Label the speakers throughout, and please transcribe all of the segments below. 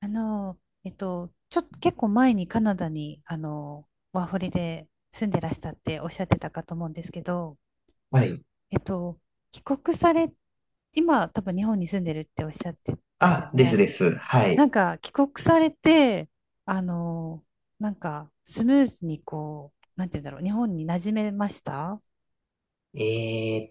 Speaker 1: あの、ちょっと結構前にカナダに、ワーホリで住んでらしたっておっしゃってたかと思うんですけど、
Speaker 2: はい。
Speaker 1: えっと、帰国され、今多分日本に住んでるっておっしゃってました
Speaker 2: あ、
Speaker 1: よ
Speaker 2: です
Speaker 1: ね。
Speaker 2: です。は
Speaker 1: な
Speaker 2: い。
Speaker 1: んか帰国されて、あの、なんかスムーズにこう、なんて言うんだろう、日本に馴染めました。
Speaker 2: え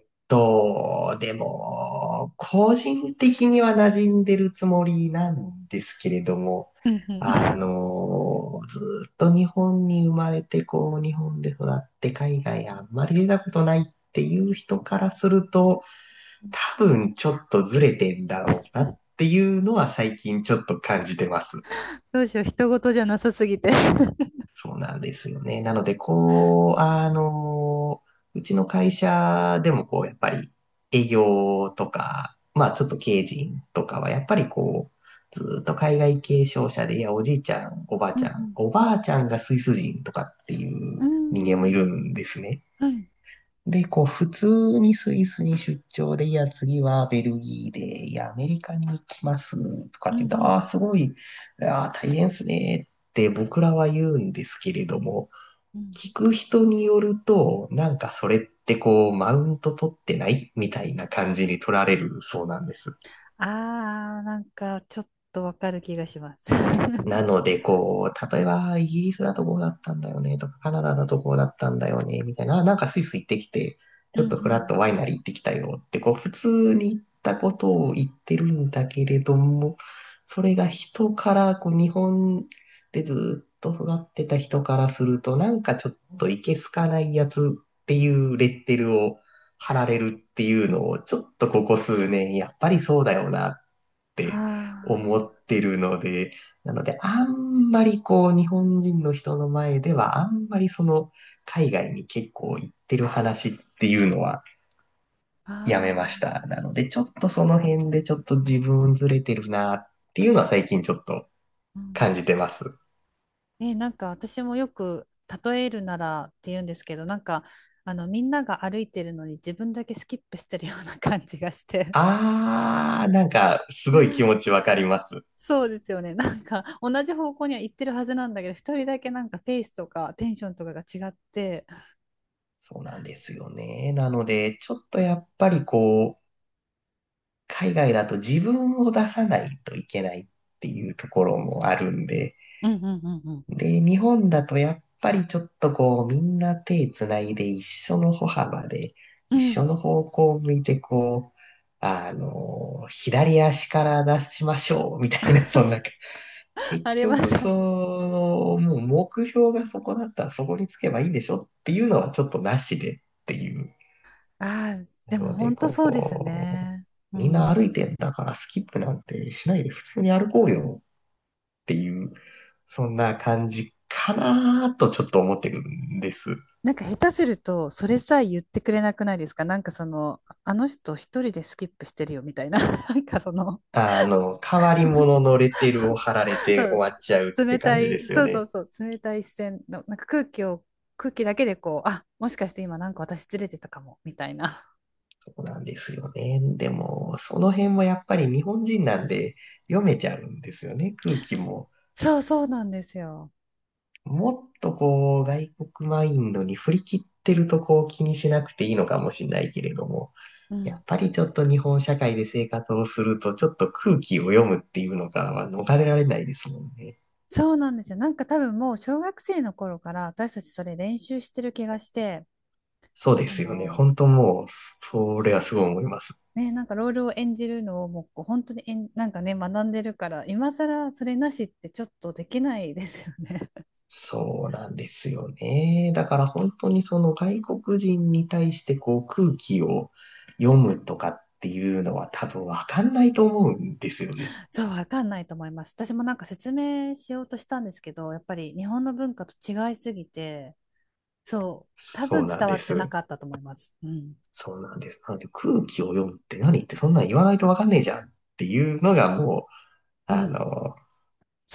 Speaker 2: ーっと、でも、個人的には馴染んでるつもりなんですけれども、
Speaker 1: うんうん。
Speaker 2: ずーっと日本に生まれて、こう、日本で育って海外あんまり出たことないっていう人からすると、多分ちょっとずれてんだろうなっていうのは最近ちょっと感じてます。
Speaker 1: どうしよう、人事じゃなさすぎて。
Speaker 2: そうなんですよね。なので、こう、うちの会社でもこう、やっぱり営業とか、まあちょっと経営陣とかは、やっぱりこう、ずっと海外継承者で、いや、おじいちゃん、おばあ
Speaker 1: う
Speaker 2: ちゃん、
Speaker 1: ん
Speaker 2: おばあちゃんがスイス人とかってい
Speaker 1: うん。
Speaker 2: う人間
Speaker 1: う
Speaker 2: もい
Speaker 1: ー
Speaker 2: る
Speaker 1: ん。
Speaker 2: んですね。
Speaker 1: はい。
Speaker 2: で、こう、普通にスイスに出張で、いや、次はベルギーで、いや、アメリカに行きます、とか
Speaker 1: う
Speaker 2: っ
Speaker 1: ん
Speaker 2: て言うと、
Speaker 1: う
Speaker 2: ああ、
Speaker 1: ん。
Speaker 2: すごい、ああ、大変ですね、って僕らは言うんですけれども、
Speaker 1: うん。
Speaker 2: 聞く人によると、なんかそれってこう、マウント取ってないみたいな感じに取られるそうなんです。
Speaker 1: ああ、なんかちょっとわかる気がします。
Speaker 2: なので、こう、例えば、イギリスだとこうだったんだよね、とか、カナダだとこうだったんだよね、みたいな、なんかスイス行ってきて、
Speaker 1: う
Speaker 2: ち
Speaker 1: ん
Speaker 2: ょ
Speaker 1: う
Speaker 2: っとフラット
Speaker 1: ん。
Speaker 2: ワイナリー行ってきたよって、こう、普通に行ったことを言ってるんだけれども、それが人から、こう、日本でずっと育ってた人からすると、なんかちょっといけすかないやつっていうレッテルを貼られるっていうのを、ちょっとここ数年、やっぱりそうだよなっっ
Speaker 1: あ
Speaker 2: て思ってるので、なので、あんまりこう、日本人の人の前では、あんまりその、海外に結構行ってる話っていうのは
Speaker 1: あ、ああ、
Speaker 2: や
Speaker 1: う
Speaker 2: めまし
Speaker 1: ん。
Speaker 2: た。なので、ちょっとその辺でちょっと自分ずれてるなっていうのは最近ちょっと
Speaker 1: う
Speaker 2: 感じ
Speaker 1: ん。
Speaker 2: てます。
Speaker 1: ね、なんか私もよく例えるならって言うんですけど、なんかみんなが歩いてるのに自分だけスキップしてるような感じがして。
Speaker 2: あー、なんか、すごい気持ちわかります。
Speaker 1: そうですよね。なんか同じ方向には行ってるはずなんだけど、一人だけなんかペースとかテンションとかが違って、
Speaker 2: そうなんですよね。なので、ちょっとやっぱりこう、海外だと自分を出さないといけないっていうところもあるんで、
Speaker 1: うんうんうん
Speaker 2: で、日本だとやっぱりちょっとこう、みんな手つないで一緒の歩幅で、
Speaker 1: う
Speaker 2: 一
Speaker 1: ん。う
Speaker 2: 緒
Speaker 1: ん。
Speaker 2: の方向を向いてこう、左足から出しましょう、みたいな、そんな、結
Speaker 1: あります。
Speaker 2: 局、
Speaker 1: あ
Speaker 2: もう目標がそこだったらそこにつけばいいでしょっていうのはちょっとなしでっていう。
Speaker 1: あ、でも
Speaker 2: ので、
Speaker 1: 本当
Speaker 2: こ
Speaker 1: そうですね。う
Speaker 2: う、みんな
Speaker 1: ん。
Speaker 2: 歩いてんだからスキップなんてしないで普通に歩こうよっていう、そんな感じかなーとちょっと思ってるんです。
Speaker 1: なんか下手すると、それさえ言ってくれなくないですか。なんかその、あの人一人でスキップしてるよみたいな、なんかその。
Speaker 2: 変わり者 のレッテルを貼られて終わっちゃう
Speaker 1: そう
Speaker 2: って
Speaker 1: 冷た
Speaker 2: 感じで
Speaker 1: い、
Speaker 2: すよ
Speaker 1: そうそう
Speaker 2: ね。
Speaker 1: そう、冷たい視線の、なんか空気を、空気だけでこう、あ、もしかして今なんか私ずれてたかも、みたいな。
Speaker 2: そうなんですよね。でも、その辺もやっぱり日本人なんで読めちゃうんですよね、空気も。
Speaker 1: そうそうなんですよ。
Speaker 2: もっとこう、外国マインドに振り切ってるとこう気にしなくていいのかもしれないけれども、
Speaker 1: う
Speaker 2: やっ
Speaker 1: ん。
Speaker 2: ぱりちょっと日本社会で生活をすると、ちょっと空気を読むっていうのからは逃れられないですもんね。
Speaker 1: そうなんですよ。なんか多分もう小学生の頃から私たちそれ練習してる気がして、
Speaker 2: そうで
Speaker 1: あ
Speaker 2: すよね。
Speaker 1: の、
Speaker 2: 本当もう、それはすごい思います。
Speaker 1: ね、なんかロールを演じるのをもうこう本当になんかね、学んでるから、今更それなしってちょっとできないですよね。
Speaker 2: そうなんですよね。だから本当にその外国人に対してこう空気を読むとかっていうのは多分わかんないと思うんですよね。
Speaker 1: そう、わかんないと思います。私もなんか説明しようとしたんですけど、やっぱり日本の文化と違いすぎて、そう、多
Speaker 2: そ
Speaker 1: 分
Speaker 2: うなん
Speaker 1: 伝わ
Speaker 2: で
Speaker 1: ってな
Speaker 2: す。
Speaker 1: かったと思います。うん。
Speaker 2: そうなんです。なので空気を読むって何ってそんなん言わないとわかんねえじゃんっていうのがもう、
Speaker 1: う
Speaker 2: あ
Speaker 1: ん。
Speaker 2: の、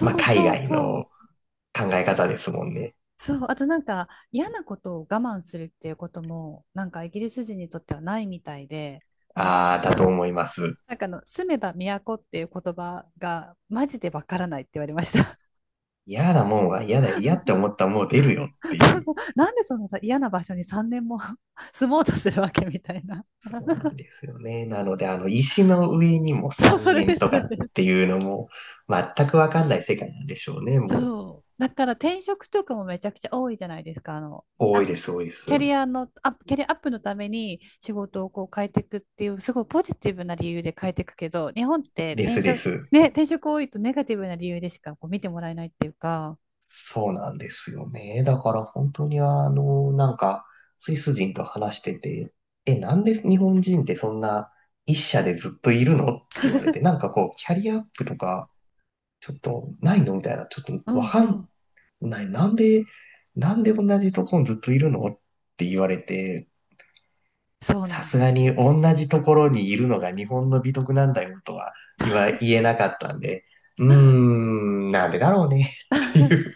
Speaker 2: まあ、
Speaker 1: う
Speaker 2: 海
Speaker 1: そう
Speaker 2: 外
Speaker 1: そ
Speaker 2: の
Speaker 1: う。
Speaker 2: 考え方ですもんね。
Speaker 1: そう、あとなんか嫌なことを我慢するっていうことも、なんかイギリス人にとってはないみたいで、あ
Speaker 2: あ
Speaker 1: の
Speaker 2: あ、だと思 います。
Speaker 1: なんか住めば都っていう言葉がマジでわからないって言われました。
Speaker 2: 嫌なもんは嫌だよ、嫌って思ったらもう出るよっ
Speaker 1: そ
Speaker 2: てい
Speaker 1: う
Speaker 2: う。
Speaker 1: そう。なんでそのさ、嫌な場所に3年も 住もうとするわけみたいな。
Speaker 2: そうなんですよね。なので、石の上にも
Speaker 1: そう、そ
Speaker 2: 3
Speaker 1: れ
Speaker 2: 年
Speaker 1: です、
Speaker 2: と
Speaker 1: そ
Speaker 2: か
Speaker 1: れ
Speaker 2: っ
Speaker 1: です。
Speaker 2: ていうのも、全くわかんない世界なんでしょうね。も
Speaker 1: そう。だから転職とかもめちゃくちゃ多いじゃないですか。
Speaker 2: う、多い
Speaker 1: あ
Speaker 2: です、多いです。
Speaker 1: キャリアの、アップキャリアアップのために仕事をこう変えていくっていう、すごいポジティブな理由で変えていくけど、日本って
Speaker 2: で
Speaker 1: 転
Speaker 2: すで
Speaker 1: 職、
Speaker 2: す。
Speaker 1: ね、転職多いとネガティブな理由でしかこう見てもらえないっていうか、
Speaker 2: そうなんですよね。だから本当になんか、スイス人と話してて、え、なんで日本人ってそんな一社でずっといるのって言われて、なんかこう、キャリアアップとか、ちょっとないのみたいな、ちょっと
Speaker 1: う
Speaker 2: わ
Speaker 1: ん
Speaker 2: か
Speaker 1: う
Speaker 2: ん
Speaker 1: ん、
Speaker 2: ない。なんで同じとこにずっといるのって言われて、
Speaker 1: そうな
Speaker 2: さ
Speaker 1: ん
Speaker 2: す
Speaker 1: で
Speaker 2: が
Speaker 1: す。
Speaker 2: に同じところにいるのが日本の美徳なんだよとは言えなかったんで、なんでだろうねってい う。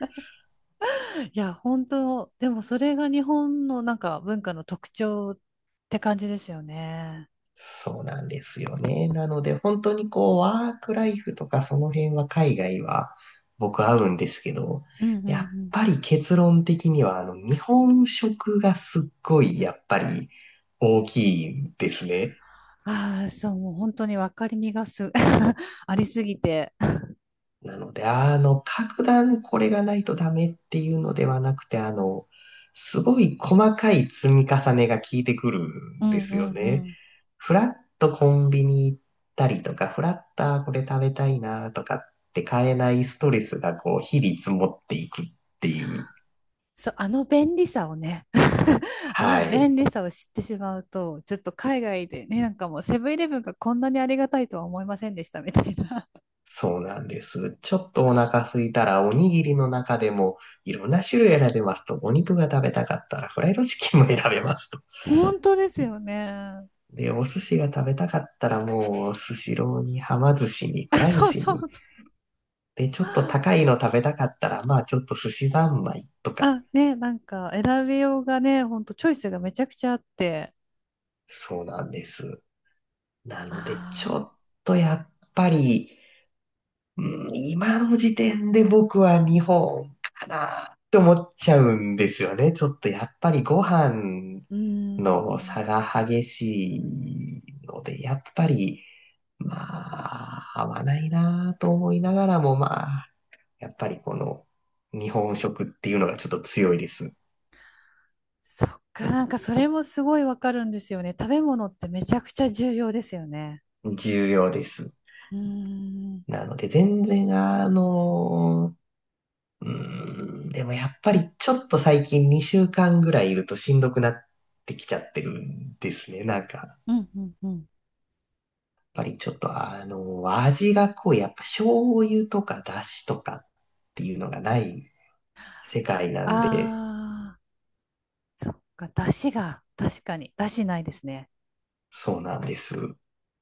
Speaker 1: いや、本当、でもそれが日本のなんか文化の特徴って感じですよね。
Speaker 2: そうなんですよね。なので本当にこうワークライフとかその辺は海外は僕合うんですけど、
Speaker 1: うんうんう
Speaker 2: やっ
Speaker 1: ん。
Speaker 2: ぱり結論的には日本食がすっごいやっぱり大きいですね。
Speaker 1: ああ、そう、もう本当に分かりみがす、ありすぎて。
Speaker 2: なので、格段これがないとダメっていうのではなくて、すごい細かい積み重ねが効いてくる
Speaker 1: う
Speaker 2: んで
Speaker 1: んう
Speaker 2: す
Speaker 1: ん
Speaker 2: よ
Speaker 1: うんう
Speaker 2: ね。
Speaker 1: ん。
Speaker 2: フラッとコンビニ行ったりとか、フラッとあーこれ食べたいなとかって買えないストレスがこう、日々積もっていくっていう。
Speaker 1: そう、あの便利さをね、あの
Speaker 2: は
Speaker 1: 便
Speaker 2: い。
Speaker 1: 利さを知ってしまうと、ちょっと海外でね、なんかもうセブンイレブンがこんなにありがたいとは思いませんでしたみたいな。
Speaker 2: そうなんです。ちょっとお腹空いたら、おにぎりの中でもいろんな種類選べますと、お肉が食べたかったらフライドチキンも選べます
Speaker 1: 本当ですよね。
Speaker 2: で、お寿司が食べたかったらもう、スシローに、はま寿司に、
Speaker 1: あ、
Speaker 2: くら寿
Speaker 1: そう
Speaker 2: 司
Speaker 1: そ
Speaker 2: に。
Speaker 1: うそう。
Speaker 2: で、ちょっと高いの食べたかったら、まあちょっと寿司三昧とか。
Speaker 1: あ、ね、なんか選びようがね、ほんとチョイスがめちゃくちゃあって、
Speaker 2: そうなんです。なので、ちょ
Speaker 1: ああ、
Speaker 2: っとやっぱり、うん今の時点で僕は日本かなって思っちゃうんですよね。ちょっとやっぱりご飯
Speaker 1: うー
Speaker 2: の
Speaker 1: ん。
Speaker 2: 差が激しいので、やっぱり、まあ、合わないなと思いながらも、まあ、やっぱりこの日本食っていうのがちょっと強いです。
Speaker 1: そっか、なんかそれもすごいわかるんですよね。食べ物ってめちゃくちゃ重要ですよね。
Speaker 2: 重要です。
Speaker 1: うーん。
Speaker 2: なので全然でもやっぱりちょっと最近2週間ぐらいいるとしんどくなってきちゃってるんですね。なんか、やっ
Speaker 1: うんうんうん。
Speaker 2: ぱりちょっと味がこう、やっぱ醤油とか出汁とかっていうのがない世界なんで、
Speaker 1: ああ、そっか、出汁が、確かに、出汁ないですね。
Speaker 2: そうなんです。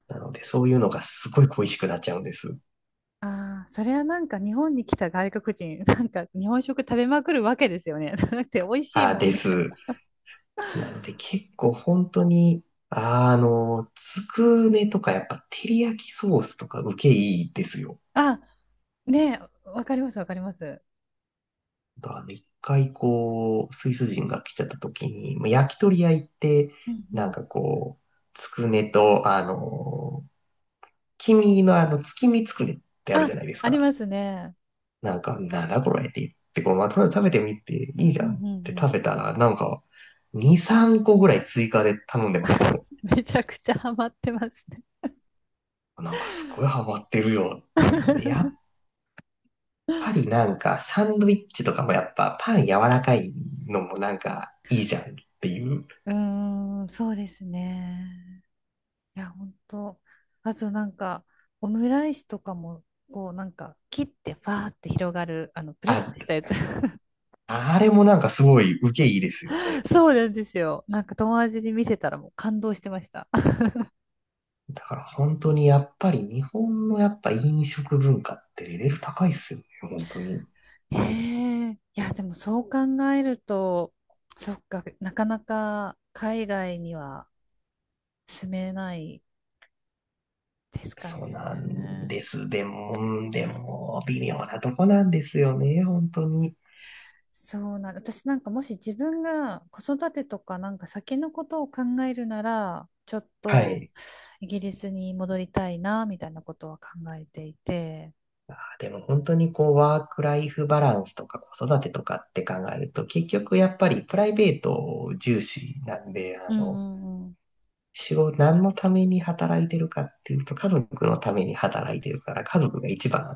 Speaker 2: なのでそういうのがすごい恋しくなっちゃうんです。
Speaker 1: ああ、それはなんか日本に来た外国人、なんか日本食食べまくるわけですよね。だって美味しい
Speaker 2: あ、
Speaker 1: もん
Speaker 2: で
Speaker 1: み
Speaker 2: す。
Speaker 1: たいな。
Speaker 2: なので結構本当に、つくねとかやっぱ照り焼きソースとか受けいいですよ。
Speaker 1: あ、ねえ、わかりますわかります。
Speaker 2: 一回こう、スイス人が来ちゃった時に、まあ焼き鳥屋行って、
Speaker 1: うんう
Speaker 2: なん
Speaker 1: ん。
Speaker 2: かこう、つくねと、黄身の月見つくねってあるじ
Speaker 1: あ、
Speaker 2: ゃないです
Speaker 1: あ
Speaker 2: か。
Speaker 1: りますね。
Speaker 2: なんか、なんだこれって言って、こう、まあ、とりあえず食べてみていいじ
Speaker 1: う
Speaker 2: ゃ
Speaker 1: ん
Speaker 2: ん
Speaker 1: う
Speaker 2: っ
Speaker 1: ん
Speaker 2: て
Speaker 1: うん。
Speaker 2: 食べたら、なんか、2、3個ぐらい追加で頼んでましたよ。
Speaker 1: めちゃくちゃハマってますね。
Speaker 2: なんかすごいハマってるよっていうので、やっ ぱりなんかサンドイッチとかもやっぱパン柔らかいのもなんかいいじゃんっていう。
Speaker 1: うーん、そうですね。いや、本当。あとなんか、オムライスとかも、こうなんか、切ってファーって広がる、あの、プルっ
Speaker 2: あ、
Speaker 1: てしたやつ。
Speaker 2: あれもなんかすごい受けいいですよね。
Speaker 1: そうなんですよ。なんか友達に見せたらもう感動してました。
Speaker 2: だから本当にやっぱり日本のやっぱ飲食文化ってレベル高いっすよね、本当に。
Speaker 1: へえ、いや、でもそう考えると、そっか、なかなか海外には住めないですか
Speaker 2: そうなん
Speaker 1: ね。
Speaker 2: です。でも微妙なとこなんですよね、本当に。
Speaker 1: そうなん、私なんかもし自分が子育てとかなんか先のことを考えるならちょっ
Speaker 2: は
Speaker 1: と
Speaker 2: い。
Speaker 1: イギリスに戻りたいなみたいなことは考えていて。
Speaker 2: あーでも本当にこう、ワークライフバランスとか子育てとかって考えると、結局やっぱりプライベート重視なんで、
Speaker 1: うんうんうん。
Speaker 2: 仕事、何のために働いてるかっていうと、家族のために働いてるから、家族が一番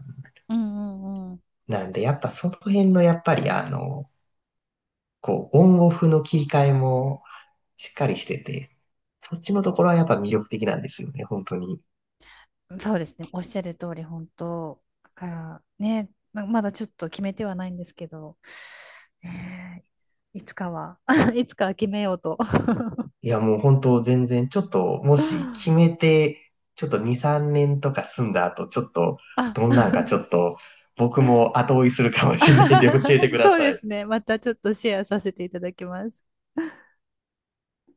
Speaker 1: うんうん
Speaker 2: なんで、やっぱその辺のやっぱりこう、オンオフの切り替えもしっかりしてて、そっちのところはやっぱ魅力的なんですよね、本当に。
Speaker 1: うん。そうですね、おっしゃる通り。本当だからね、まだちょっと決めてはないんですけど、ねえ、いつかは いつかは決めようと。
Speaker 2: いや、もう本当全然、ちょっと、もし決め て、ちょっと2、3年とか住んだ後、ちょっと、
Speaker 1: あ。
Speaker 2: どんなんかちょっと、僕も後追いするかもしれないんで教えて くだ
Speaker 1: そう
Speaker 2: さ
Speaker 1: で
Speaker 2: い。
Speaker 1: すねまたちょっとシェアさせていただきます。